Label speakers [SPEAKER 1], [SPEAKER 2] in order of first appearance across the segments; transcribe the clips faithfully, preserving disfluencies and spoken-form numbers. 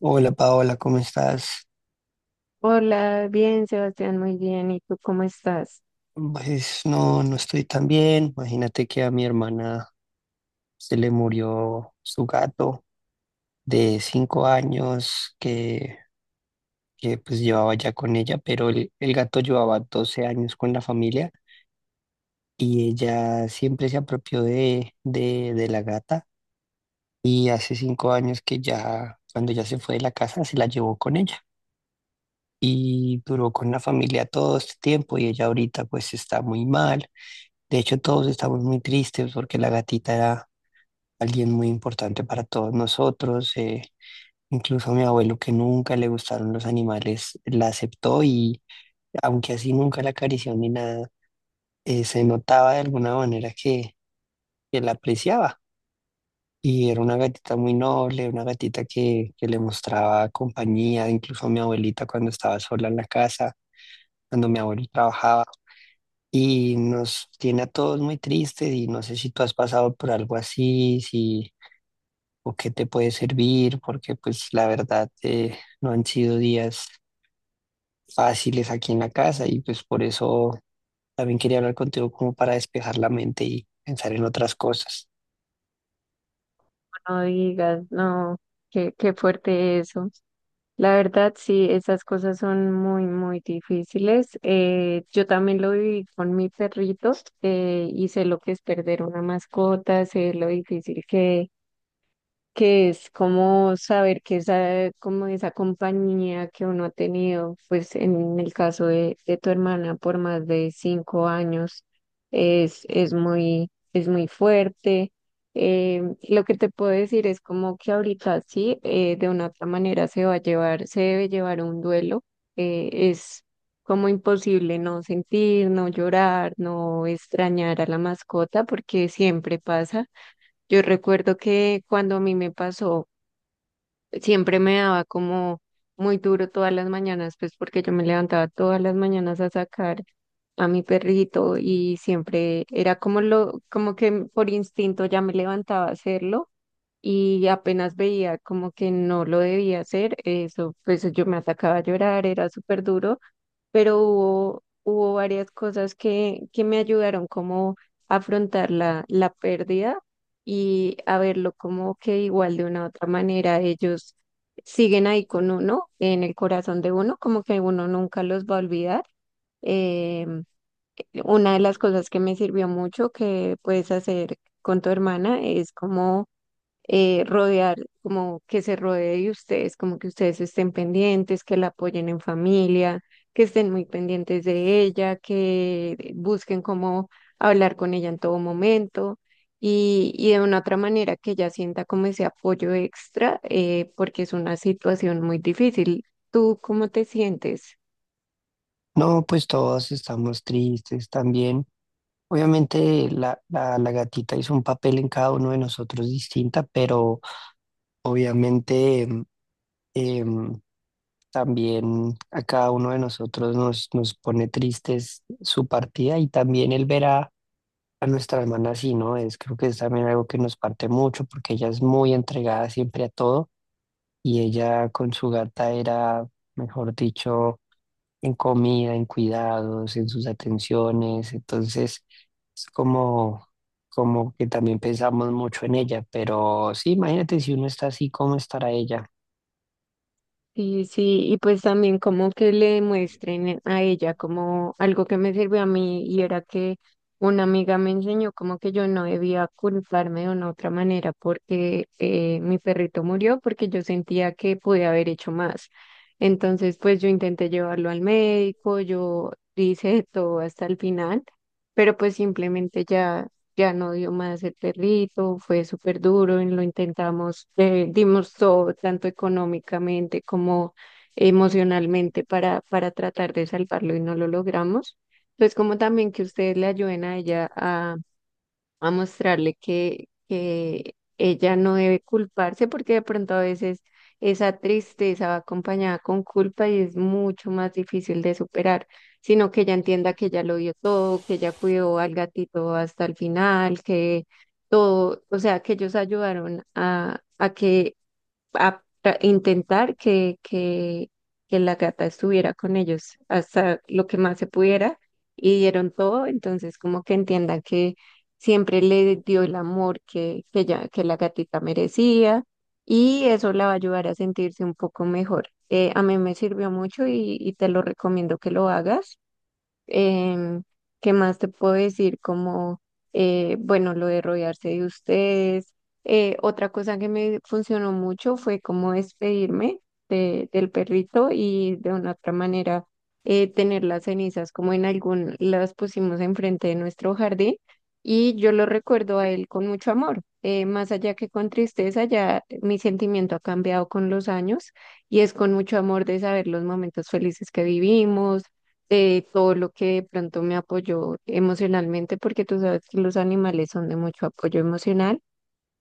[SPEAKER 1] Hola Paola, ¿cómo estás?
[SPEAKER 2] Hola, bien, Sebastián, muy bien. ¿Y tú cómo estás?
[SPEAKER 1] Pues no, no estoy tan bien. Imagínate que a mi hermana se le murió su gato de cinco años que, que pues llevaba ya con ella, pero el, el gato llevaba doce años con la familia y ella siempre se apropió de, de, de la gata y hace cinco años que ya, cuando ya se fue de la casa, se la llevó con ella y duró con la familia todo este tiempo y ella ahorita pues está muy mal. De hecho, todos estamos muy tristes porque la gatita era alguien muy importante para todos nosotros. Eh, incluso mi abuelo, que nunca le gustaron los animales, la aceptó y aunque así nunca la acarició ni nada, eh, se notaba de alguna manera que, que la apreciaba. Y era una gatita muy noble, una gatita que, que le mostraba compañía, incluso a mi abuelita cuando estaba sola en la casa, cuando mi abuelo trabajaba. Y nos tiene a todos muy tristes y no sé si tú has pasado por algo así, si o qué te puede servir, porque pues la verdad eh, no han sido días fáciles aquí en la casa y pues por eso también quería hablar contigo como para despejar la mente y pensar en otras cosas.
[SPEAKER 2] No digas, no, qué, qué fuerte eso. La verdad, sí, esas cosas son muy, muy difíciles. Eh, yo también lo viví con mi perrito eh, y sé lo que es perder una mascota, sé lo difícil que que es como saber que esa, como esa compañía que uno ha tenido, pues en el caso de, de tu hermana por más de cinco años, es, es muy, es muy fuerte. Eh, lo que te puedo decir es como que ahorita sí, eh, de una otra manera se va a llevar, se debe llevar un duelo. Eh, es como imposible no sentir, no llorar, no extrañar a la mascota, porque siempre pasa. Yo recuerdo que cuando a mí me pasó, siempre me daba como muy duro todas las mañanas, pues porque yo me levantaba todas las mañanas a sacar a mi perrito y siempre era como lo, como que por instinto ya me levantaba a hacerlo y apenas veía como que no lo debía hacer, eso, pues yo me atacaba a llorar, era súper duro. Pero hubo, hubo varias cosas que, que me ayudaron como a afrontar la, la pérdida y a verlo como que igual de una u otra manera ellos siguen ahí con uno, en el corazón de uno, como que uno nunca los va a olvidar. Eh, una de las cosas que me sirvió mucho que puedes hacer con tu hermana es como eh, rodear, como que se rodee de ustedes, como que ustedes estén pendientes, que la apoyen en familia, que estén muy pendientes de ella, que busquen cómo hablar con ella en todo momento y, y de una otra manera que ella sienta como ese apoyo extra, eh, porque es una situación muy difícil. ¿Tú cómo te sientes?
[SPEAKER 1] No, pues todos estamos tristes también. Obviamente la, la, la gatita hizo un papel en cada uno de nosotros distinta, pero obviamente em, em, también a cada uno de nosotros nos, nos pone tristes su partida y también el ver a a nuestra hermana sí, ¿no? Es, creo que es también algo que nos parte mucho porque ella es muy entregada siempre a todo y ella con su gata era, mejor dicho, en comida, en cuidados, en sus atenciones. Entonces, es como, como que también pensamos mucho en ella, pero sí, imagínate si uno está así, ¿cómo estará ella?
[SPEAKER 2] Sí, sí, y pues también como que le muestren a ella como algo que me sirvió a mí y era que una amiga me enseñó como que yo no debía culparme de una otra manera porque eh, mi perrito murió porque yo sentía que pude haber hecho más. Entonces pues yo intenté llevarlo al médico, yo hice de todo hasta el final, pero pues simplemente ya ya no dio más el perrito, fue súper duro, y lo intentamos, eh, dimos todo, tanto económicamente como emocionalmente para, para tratar de salvarlo y no lo logramos. Entonces, como también que ustedes le ayuden a ella a mostrarle que, que ella no debe culparse porque de pronto a veces esa tristeza va acompañada con culpa y es mucho más difícil de superar, sino que ella entienda que ella lo dio todo, que ella cuidó al gatito hasta el final, que todo, o sea, que ellos ayudaron a, a que a tra- intentar que, que, que la gata estuviera con ellos hasta lo que más se pudiera y dieron todo, entonces como que entiendan que siempre le dio el amor que, que, ella- que la gatita merecía y eso la va a ayudar a sentirse un poco mejor. Eh, a mí me sirvió mucho y, y te lo recomiendo que lo hagas. Em, ¿Qué más te puedo decir? Como, eh, bueno, lo de rodearse de ustedes. Eh, otra cosa que me funcionó mucho fue como despedirme de- del perrito y de una otra manera eh, tener las cenizas como en algún, las pusimos enfrente de nuestro jardín y yo lo recuerdo a él con mucho amor. Eh, más allá que con tristeza, ya mi sentimiento ha cambiado con los años y es con mucho amor de saber los momentos felices que vivimos, de todo lo que de pronto me apoyó emocionalmente, porque tú sabes que los animales son de mucho apoyo emocional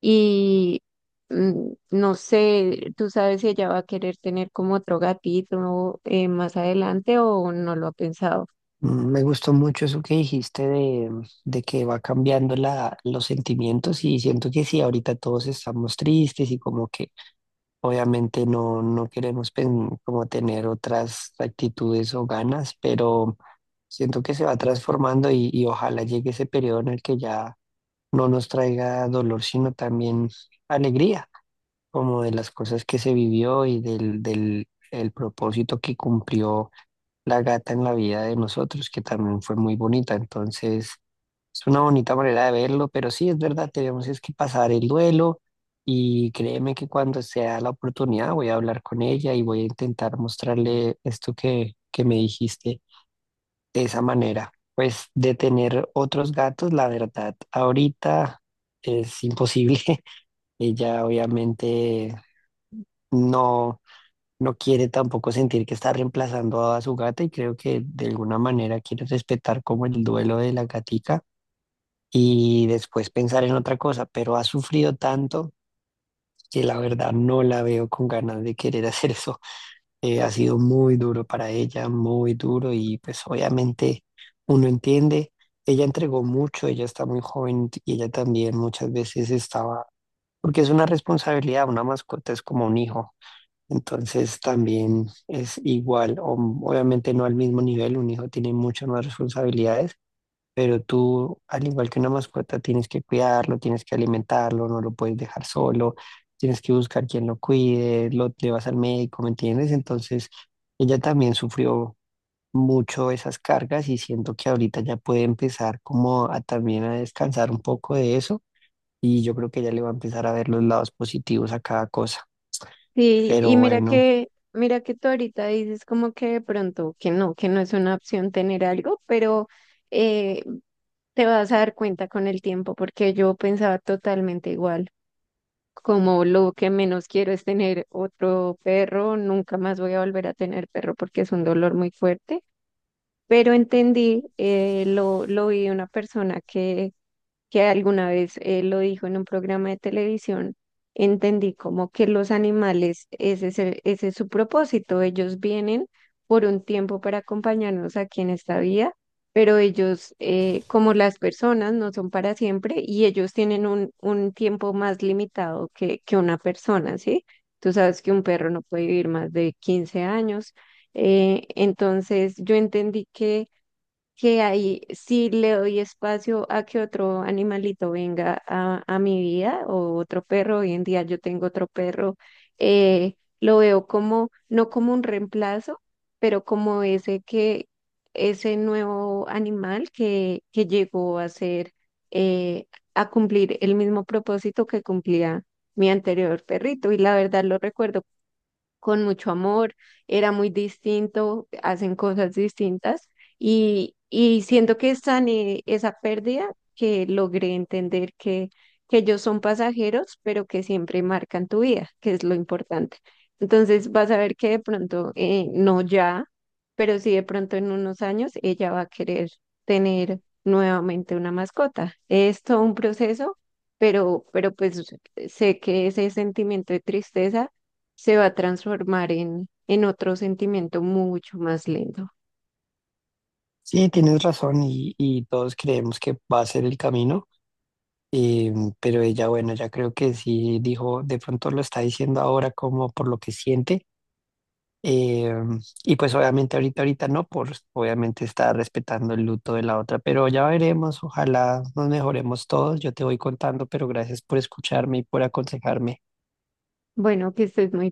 [SPEAKER 2] y mm, no sé, tú sabes si ella va a querer tener como otro gatito eh, más adelante o no lo ha pensado.
[SPEAKER 1] Mm, me gustó mucho eso que dijiste de, de que va cambiando la, los sentimientos y siento que sí, ahorita todos estamos tristes y como que obviamente no, no queremos pen- como tener otras actitudes o ganas, pero siento que se va transformando y, y ojalá llegue ese periodo en el que ya no nos traiga dolor, sino también alegría, como de las cosas que se vivió y del, del el propósito que cumplió la gata en la vida de nosotros, que también fue muy bonita. Entonces, es una bonita manera de verlo, pero sí, es verdad, tenemos es que pasar el duelo y créeme que cuando sea la oportunidad voy a hablar con ella y voy a intentar mostrarle esto que, que me dijiste de esa manera. Pues de tener otros gatos, la verdad, ahorita es imposible. Ella obviamente no no quiere tampoco sentir que está reemplazando a su gata y creo que de alguna manera quiere respetar como el duelo de la gatica y después pensar en otra cosa, pero ha sufrido tanto que la verdad no la veo con ganas de querer hacer eso. Eh, ha sido muy duro para ella, muy duro y pues obviamente uno entiende, ella entregó mucho, ella está muy joven y ella también muchas veces estaba, porque es una responsabilidad, una mascota es como un hijo, entonces también es igual, o- obviamente no al mismo nivel, un hijo tiene muchas más responsabilidades, pero tú, al igual que una mascota, tienes que cuidarlo, tienes que alimentarlo, no lo puedes dejar solo, tienes que buscar quien lo cuide, lo llevas al médico, ¿me entiendes? Entonces ella también sufrió mucho esas cargas y siento que ahorita ya puede empezar como a también a descansar un poco de eso y yo creo que ya le va a empezar a ver los lados positivos a cada cosa.
[SPEAKER 2] Sí, y
[SPEAKER 1] Pero
[SPEAKER 2] mira
[SPEAKER 1] bueno.
[SPEAKER 2] que, mira que tú ahorita dices como que de pronto que no, que no es una opción tener algo, pero eh, te vas a dar cuenta con el tiempo, porque yo pensaba totalmente igual. Como lo que menos quiero es tener otro perro, nunca más voy a volver a tener perro porque es un dolor muy fuerte. Pero entendí, eh, lo, lo vi de una persona que que alguna vez eh, lo dijo en un programa de televisión. Entendí como que los animales, ese es, el- ese es su propósito, ellos vienen por un tiempo para acompañarnos aquí en esta vida, pero ellos, eh, como las personas, no son para siempre y ellos tienen un, un tiempo más limitado que, que una persona, ¿sí? Tú sabes que un perro no puede vivir más de quince años. Eh, entonces yo entendí que que ahí sí le doy espacio a que otro animalito venga a, a mi vida o otro perro. Hoy en día yo tengo otro perro. Eh, lo veo como, no como un reemplazo, pero como ese que, ese nuevo animal que, que llegó a ser, eh, a cumplir el mismo propósito que cumplía mi anterior perrito. Y la verdad lo recuerdo con mucho amor, era muy distinto, hacen cosas distintas y, y siento que sané esa pérdida, que logré entender que, que ellos son pasajeros, pero que siempre marcan tu vida, que es lo importante. Entonces vas a ver que de pronto, eh, no ya, pero sí de pronto en unos años ella va a querer tener nuevamente una mascota. Es todo un proceso, pero, pero pues sé que ese sentimiento de tristeza se va a transformar en, en otro sentimiento mucho más lindo.
[SPEAKER 1] Sí, tienes razón y, y todos creemos que va a ser el camino, eh, pero ella, bueno, ya creo que sí dijo, de pronto lo está diciendo ahora como por lo que siente, eh, y pues obviamente ahorita, ahorita no, por obviamente está respetando el luto de la otra, pero ya veremos, ojalá nos mejoremos todos, yo te voy contando, pero gracias por escucharme y por aconsejarme.
[SPEAKER 2] Bueno, que estés muy bien.